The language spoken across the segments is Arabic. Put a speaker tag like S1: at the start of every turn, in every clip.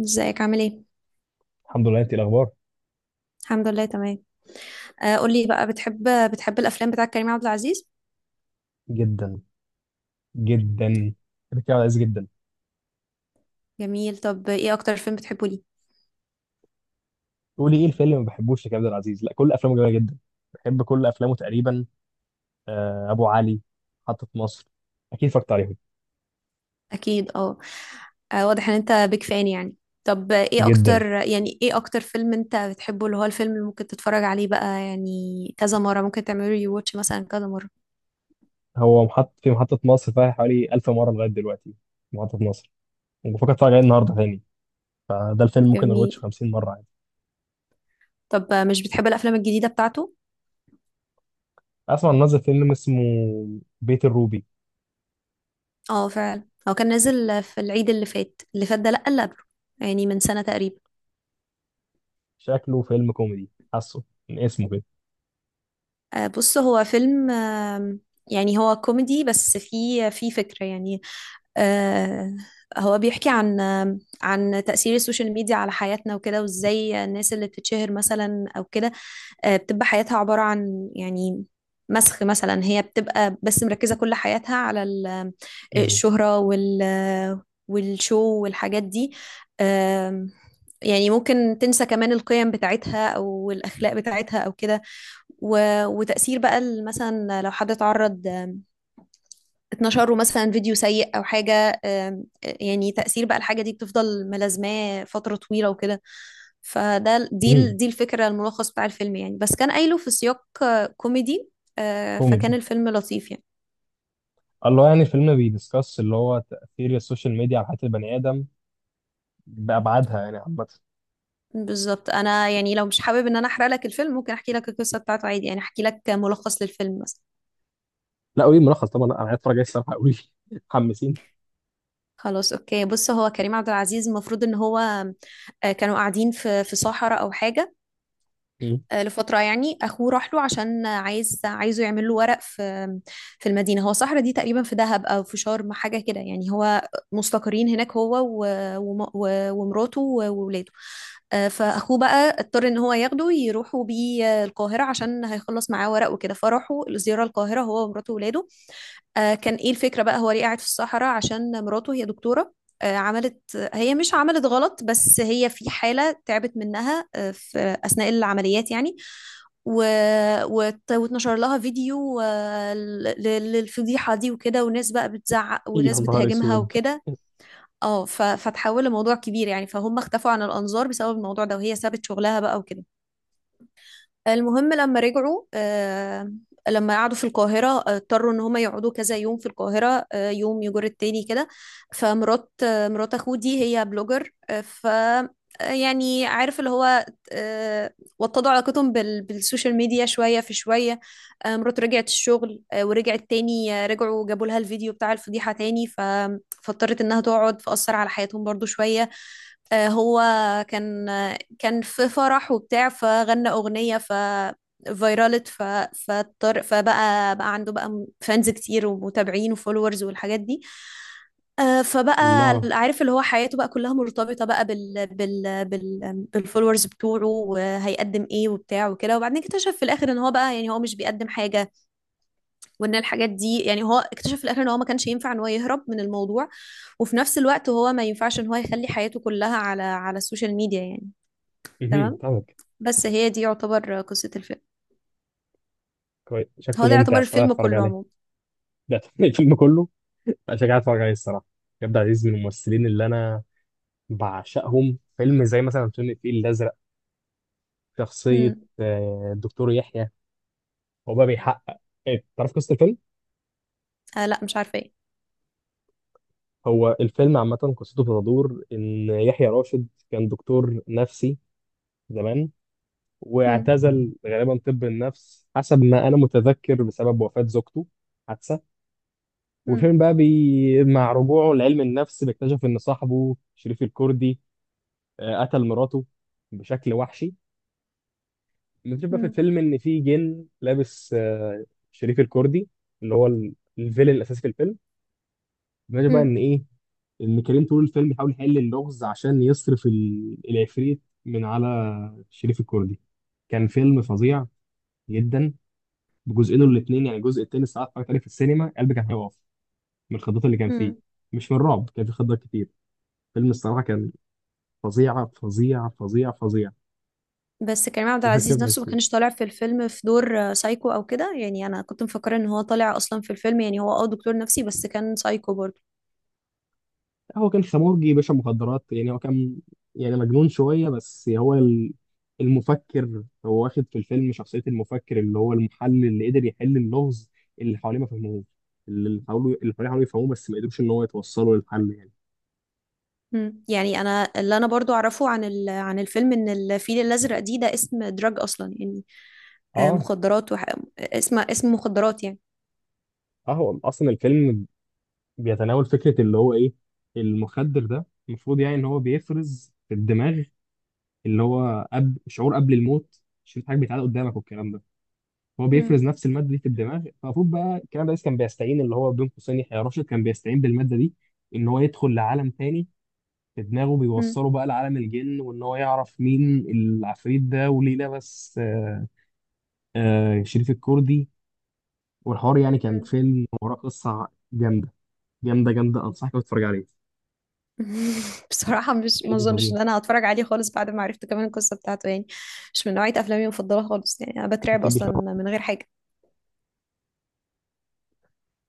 S1: ازيك عامل ايه؟
S2: الحمد لله، انت ايه الاخبار؟
S1: الحمد لله تمام. آه، قولي بقى بتحب الافلام بتاعت كريم عبد العزيز.
S2: جدا. جدا. بحب كريم عبد العزيز جدا.
S1: جميل. طب ايه اكتر فيلم بتحبه ليه؟
S2: قولي ايه الفيلم اللي ما بحبوش لكريم عبد العزيز؟ لا، كل افلامه جميله جدا. بحب كل افلامه تقريبا. آه، ابو علي. محطه مصر. اكيد اتفرجت عليهم.
S1: اكيد اه. واضح ان انت بيك فان يعني. طب ايه
S2: جدا.
S1: اكتر، يعني ايه اكتر فيلم انت بتحبه، اللي هو الفيلم اللي ممكن تتفرج عليه بقى يعني؟ كذا مرة ممكن تعمله ري واتش مثلا، كذا مرة؟
S2: هو محط في محطه مصر فيها حوالي 1000 مره لغايه دلوقتي. محطه مصر. وبفكر اتفرج عليه النهارده تاني. فده الفيلم ممكن اروتش
S1: جميل.
S2: 50 مره عادي.
S1: طب مش بتحب الافلام الجديدة بتاعته؟
S2: اسمع إن نزل فيلم اسمه بيت الروبي.
S1: اه فعلا، هو كان نازل في العيد اللي فات، اللي فات ده لا، اللي قبله، يعني من سنة تقريبا.
S2: شكله فيلم كوميدي حاسه من اسمه كده.
S1: بص، هو فيلم، يعني هو كوميدي، بس فيه فكرة يعني. آه، هو بيحكي عن، عن تأثير السوشيال ميديا على حياتنا وكده، وازاي الناس اللي بتتشهر مثلا أو كده، بتبقى حياتها عبارة عن يعني مسخ مثلا، هي بتبقى بس مركزة كل حياتها على
S2: مم.
S1: الشهرة وال، والشو والحاجات دي. آم، يعني ممكن تنسى كمان القيم بتاعتها أو الأخلاق بتاعتها أو كده. و... وتأثير بقى مثلا لو حد اتعرض، اتنشر له مثلا فيديو سيء أو حاجة، يعني تأثير بقى الحاجة دي بتفضل ملازماه فترة طويلة وكده. فده ال- دي ال-
S2: امم.
S1: دي الفكرة، الملخص بتاع الفيلم يعني، بس كان قايله في سياق كوميدي.
S2: كوميدي.
S1: فكان الفيلم لطيف يعني.
S2: الله، يعني الفيلم بيدسكس اللي هو تأثير السوشيال ميديا على حياة البني آدم بأبعادها يعني عامة.
S1: بالظبط. أنا يعني لو مش حابب إن أنا أحرق لك الفيلم، ممكن أحكي لك القصة بتاعته عادي، يعني أحكي لك ملخص للفيلم مثلا.
S2: لا، قولي ملخص طبعا. لا، أنا عايز أتفرج عليه الصراحة. قولي. حمسيني.
S1: خلاص اوكي، بص، هو كريم عبد العزيز المفروض ان هو، كانوا قاعدين في صحراء او حاجه
S2: مم.
S1: لفترة يعني. أخوه راح له عشان عايزه يعمل له ورق في في المدينة. هو صحرا دي تقريبا في دهب أو في شرم حاجة كده، يعني هو مستقرين هناك هو ومراته وولاده. فأخوه بقى اضطر إن هو ياخده، يروحوا بيه القاهرة عشان هيخلص معاه ورق وكده، فراحوا الزيارة القاهرة هو ومراته وولاده. كان ايه الفكرة بقى؟ هو ليه قاعد في الصحراء؟ عشان مراته هي دكتورة، عملت، هي مش عملت غلط، بس هي في حالة تعبت منها، في أثناء العمليات يعني. و... واتنشر لها فيديو، للفضيحة دي وكده، وناس بقى بتزعق
S2: يا
S1: وناس
S2: نهار
S1: بتهاجمها
S2: أسود.
S1: وكده. اه فتحول لموضوع كبير يعني، فهم اختفوا عن الأنظار بسبب الموضوع ده، وهي سابت شغلها بقى وكده. المهم لما رجعوا لما قعدوا في القاهرة، اضطروا ان هما يقعدوا كذا يوم في القاهرة، يوم يجر التاني كده. فمرات، مرات اخوه دي هي بلوجر، آه، ف آه، يعني عارف اللي هو، آه، وطدوا علاقتهم بالسوشيال ميديا شوية في شوية. مرات رجعت الشغل، ورجعت تاني، رجعوا جابوا لها الفيديو بتاع الفضيحة تاني، فاضطرت انها تقعد، فأثر على حياتهم برضو شوية. هو كان، كان في فرح وبتاع، فغنى أغنية، فيرالت فاضطر، فبقى عنده بقى فانز كتير ومتابعين وفولورز والحاجات دي. فبقى
S2: الله.
S1: عارف اللي هو، حياته بقى كلها مرتبطة بقى بالفولورز بتوعه، وهيقدم ايه وبتاع وكده. وبعدين اكتشف في الاخر ان هو بقى يعني هو مش بيقدم حاجة، وان الحاجات دي يعني، هو اكتشف في الاخر ان هو ما كانش ينفع ان هو يهرب من الموضوع، وفي نفس الوقت هو ما ينفعش ان هو يخلي حياته كلها على السوشيال ميديا يعني.
S2: مهم.
S1: تمام.
S2: طبعا.
S1: بس هي دي يعتبر قصة الفيلم.
S2: كويس،
S1: هو
S2: شكله
S1: ده
S2: ممتع
S1: يعتبر
S2: الصراحة،
S1: الفيلم
S2: أتفرج
S1: كله
S2: عليه.
S1: عموما.
S2: ده الفيلم كله. لا، شجاع أتفرج عليه الصراحة. كابتن عزيز من الممثلين اللي أنا بعشقهم. فيلم زي مثلا فيلم الفيل الأزرق. شخصية
S1: مم.
S2: الدكتور يحيى. هو بقى بيحقق. إيه، تعرف قصة الفيلم؟
S1: آه لا، مش عارفة ايه.
S2: هو الفيلم عامة قصته بتدور إن يحيى راشد كان دكتور نفسي زمان،
S1: مم.
S2: واعتزل غالبا طب النفس حسب ما أنا متذكر بسبب وفاة زوجته. حادثة.
S1: مم.
S2: والفيلم بقى مع رجوعه لعلم النفس بيكتشف إن صاحبه شريف الكردي قتل مراته بشكل وحشي. بنكتشف بقى في
S1: مم.
S2: الفيلم إن في جن لابس شريف الكردي، اللي هو الفيلن الأساسي في الفيلم. بنكتشف بقى
S1: مم.
S2: إن إيه، ان كريم طول الفيلم بيحاول يحل اللغز عشان يصرف العفريت من على شريف الكردي. كان فيلم فظيع جدا، بجزئين الاتنين. يعني الجزء التاني الصراحه اتفرجت عليه في السينما، قلبي كان هيقف من الخضات اللي كان فيه،
S1: مم.
S2: مش من الرعب، كان في خضات كتير. فيلم الصراحه كان فظيع فظيع فظيع فظيع
S1: بس كريم عبد العزيز
S2: وهكذا.
S1: نفسه ما كانش طالع في الفيلم في دور سايكو او كده يعني. انا كنت مفكرة ان هو طالع اصلا في الفيلم يعني، هو اه دكتور نفسي بس كان سايكو برضه.
S2: هو كان خمورجي باشا مخدرات، يعني هو كان، يعني مجنون شوية، بس هو المفكر. هو واخد في الفيلم شخصية المفكر، اللي هو المحلل اللي قدر يحل اللغز اللي حواليه ما فهموه. اللي حواليه حاولوا يفهموه بس ما قدروش ان هو يتوصلوا للحل يعني.
S1: مم. يعني انا اللي انا برضو اعرفه عن عن الفيلم، ان الفيل الازرق دي، ده اسم دراج اصلا يعني،
S2: اه.
S1: مخدرات. وح... اسم اسم مخدرات يعني.
S2: اه، هو اصلا الفيلم بيتناول فكرة اللي هو ايه. المخدر ده المفروض يعني ان هو بيفرز في الدماغ، اللي هو قبل شعور قبل الموت شوف حاجة بيتعاد قدامك والكلام ده، هو
S1: مم.
S2: بيفرز نفس الماده دي في الدماغ. فالمفروض بقى الكلام ده كان بيستعين، اللي هو بين قوسين يحيى راشد كان بيستعين بالماده دي ان هو يدخل لعالم تاني في دماغه، بيوصله بقى لعالم الجن وان هو يعرف مين العفريت ده وليه لبس شريف الكردي. والحوار، يعني كان
S1: مم.
S2: فيلم وراه قصه جامده، جامده جامده، انصحك إنك تتفرج عليه.
S1: بصراحة مش، ما
S2: فيلم
S1: اظنش
S2: فظيع،
S1: ان انا هتفرج عليه خالص بعد ما عرفت كمان القصة بتاعته يعني. مش من نوعية افلامي المفضلة خالص يعني. انا بترعب
S2: يتم
S1: اصلا
S2: شرح.
S1: من غير حاجة.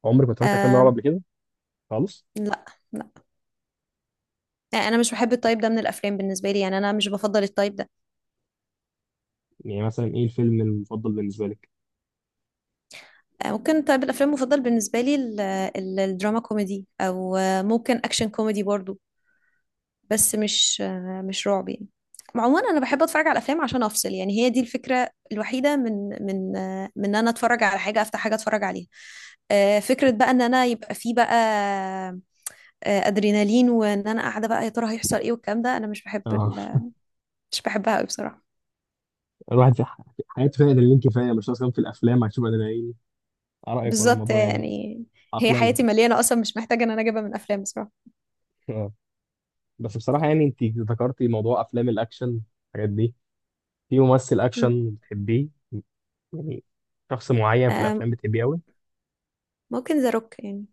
S2: عمرك ما اتفرجت على فيلم رعب
S1: آم.
S2: قبل كده؟ خالص؟
S1: لا. لا، يعني انا مش بحب التايب ده من الافلام. بالنسبة لي يعني، انا مش بفضل التايب ده.
S2: يعني مثلا ايه الفيلم المفضل بالنسبه لك؟
S1: ممكن تايب الافلام المفضل بالنسبة لي الدراما كوميدي، او ممكن اكشن كوميدي برضو، بس مش مش رعب يعني. عموما انا بحب اتفرج على الافلام عشان افصل يعني، هي دي الفكرة الوحيدة من ان انا اتفرج على حاجة، افتح حاجة اتفرج عليها. فكرة بقى ان انا يبقى في بقى ادرينالين، وان انا قاعدة بقى يا ترى هيحصل ايه والكلام ده، انا مش بحب
S2: اه.
S1: مش بحبها قوي بصراحة.
S2: الواحد في حياته فيها ادرينالين كفايه، مش ناقص كمان في الافلام هتشوف ادرينالين. رأيك، ولا
S1: بالظبط
S2: الموضوع يعني
S1: يعني، هي
S2: عقلاني.
S1: حياتي مليانة اصلا، مش محتاجة ان انا اجيبها من افلام بصراحة.
S2: آه. بس بصراحة، يعني انت ذكرتي موضوع افلام الاكشن الحاجات دي، في ممثل
S1: مم.
S2: اكشن بتحبيه؟ يعني شخص معين في الافلام
S1: آم،
S2: بتحبيه قوي؟
S1: ممكن ذا روك يعني.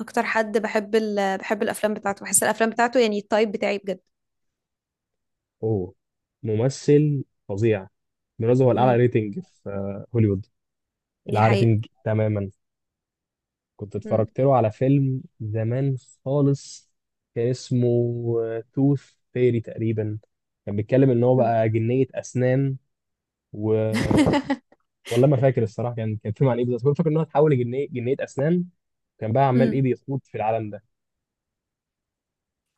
S1: اكتر حد بحب بحب الافلام بتاعته، بحس الافلام بتاعته يعني التايب بتاعي بجد.
S2: هو ممثل فظيع، بالمناسبة هو الاعلى
S1: مم.
S2: ريتنج في هوليوود.
S1: دي
S2: الاعلى
S1: حقيقة.
S2: ريتنج تماما. كنت
S1: مم.
S2: اتفرجت له على فيلم زمان خالص، كان اسمه توث فيري تقريبا. كان بيتكلم ان هو
S1: مم.
S2: بقى جنية اسنان و. والله ما فاكر الصراحه كان فيلم عن ايه بالظبط، بس أنا فاكر ان هو اتحول لجنيه اسنان. كان بقى عمال ايه
S1: مم.
S2: بيخوض في العالم ده،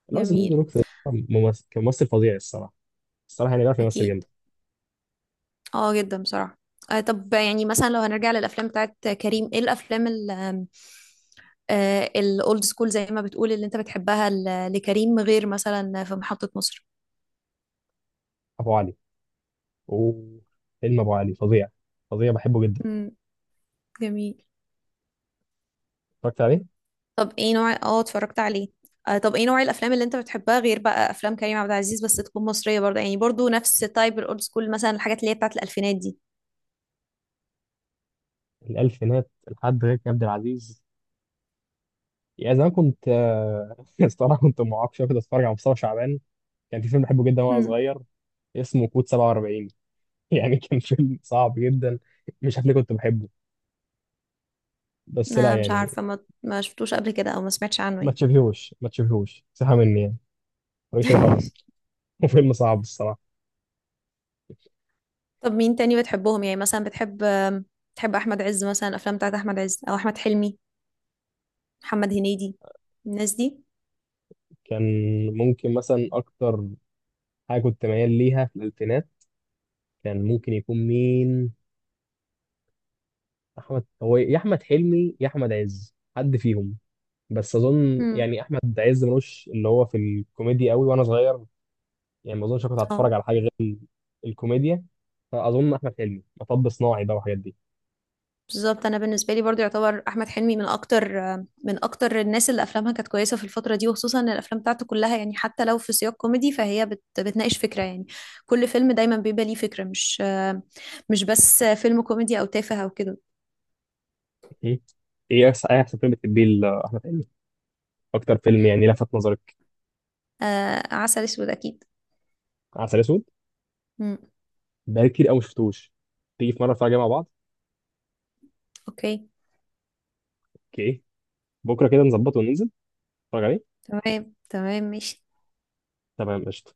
S2: اللي هو صديق
S1: جميل.
S2: دروك ده. ممثل، كان ممثل فظيع الصراحه. الصراحه يعني بيعرف يمثل
S1: اكيد.
S2: جامد.
S1: اه جدا بصراحة. آه، طب يعني مثلا لو هنرجع للأفلام بتاعت كريم، ايه الأفلام ال آه، الأولد سكول، زي ما بتقول، اللي انت بتحبها لكريم غير مثلا في محطة مصر؟
S2: ابو علي. اوه، فيلم ابو علي فظيع. فظيع بحبه جدا.
S1: امم. جميل.
S2: اتفرجت عليه.
S1: طب ايه نوع، اه اتفرجت عليه. آه طب ايه نوع الأفلام اللي انت بتحبها غير بقى أفلام كريم عبد العزيز، بس تكون مصرية برضه يعني، برضه نفس تايب الأولد سكول، مثلا الحاجات اللي هي بتاعت الألفينات دي؟
S2: الالفينات لحد غير عبد العزيز؟ يا زمان كنت الصراحه كنت معاق شويه، كنت اتفرج على مصطفى شعبان. كان في فيلم بحبه جدا وانا
S1: امم.
S2: صغير، اسمه كود 47. يعني كان فيلم صعب جدا، مش عارف ليه كنت بحبه، بس لا
S1: أنا مش
S2: يعني،
S1: عارفة، ما شفتوش قبل كده أو ما سمعتش
S2: ما
S1: عنه
S2: تشبهوش ما تشبهوش سحب مني يعني، ماليش عليه
S1: يعني.
S2: خالص. وفيلم صعب الصراحه.
S1: طب مين تاني بتحبهم؟ يعني مثلا بتحب بتحب احمد عز مثلا، الافلام بتاعت احمد عز او احمد حلمي، محمد هنيدي، الناس دي.
S2: كان ممكن مثلا اكتر حاجه كنت ميال ليها في الالفينات كان ممكن يكون مين؟ احمد، هو يا احمد حلمي يا احمد عز حد فيهم. بس اظن
S1: امم.
S2: يعني احمد عز ملوش اللي هو في الكوميديا قوي وانا صغير، يعني ما اظنش كنت
S1: اه
S2: هتفرج على حاجه غير الكوميديا. فاظن احمد حلمي مطب صناعي بقى والحاجات دي.
S1: بالظبط، انا بالنسبه لي برضو يعتبر احمد حلمي من اكتر من اكتر الناس اللي افلامها كانت كويسه في الفتره دي، وخصوصا ان الافلام بتاعته كلها يعني حتى لو في سياق كوميدي فهي بتناقش فكره يعني. كل فيلم دايما بيبقى ليه فكره، مش مش بس فيلم كوميدي او تافه او كده.
S2: م؟ ايه احسن إيه أحسن فيلم بتحبيه لاحمد حلمي؟ اكتر فيلم يعني لفت نظرك.
S1: آه، عسل اسود اكيد.
S2: عسل اسود.
S1: امم.
S2: بقالي كتير قوي ما شفتوش، تيجي في مره نتفرج عليه مع بعض.
S1: اوكي.
S2: اوكي. بكره كده نظبطه وننزل نتفرج عليه.
S1: تمام تمام ماشي.
S2: تمام قشطه.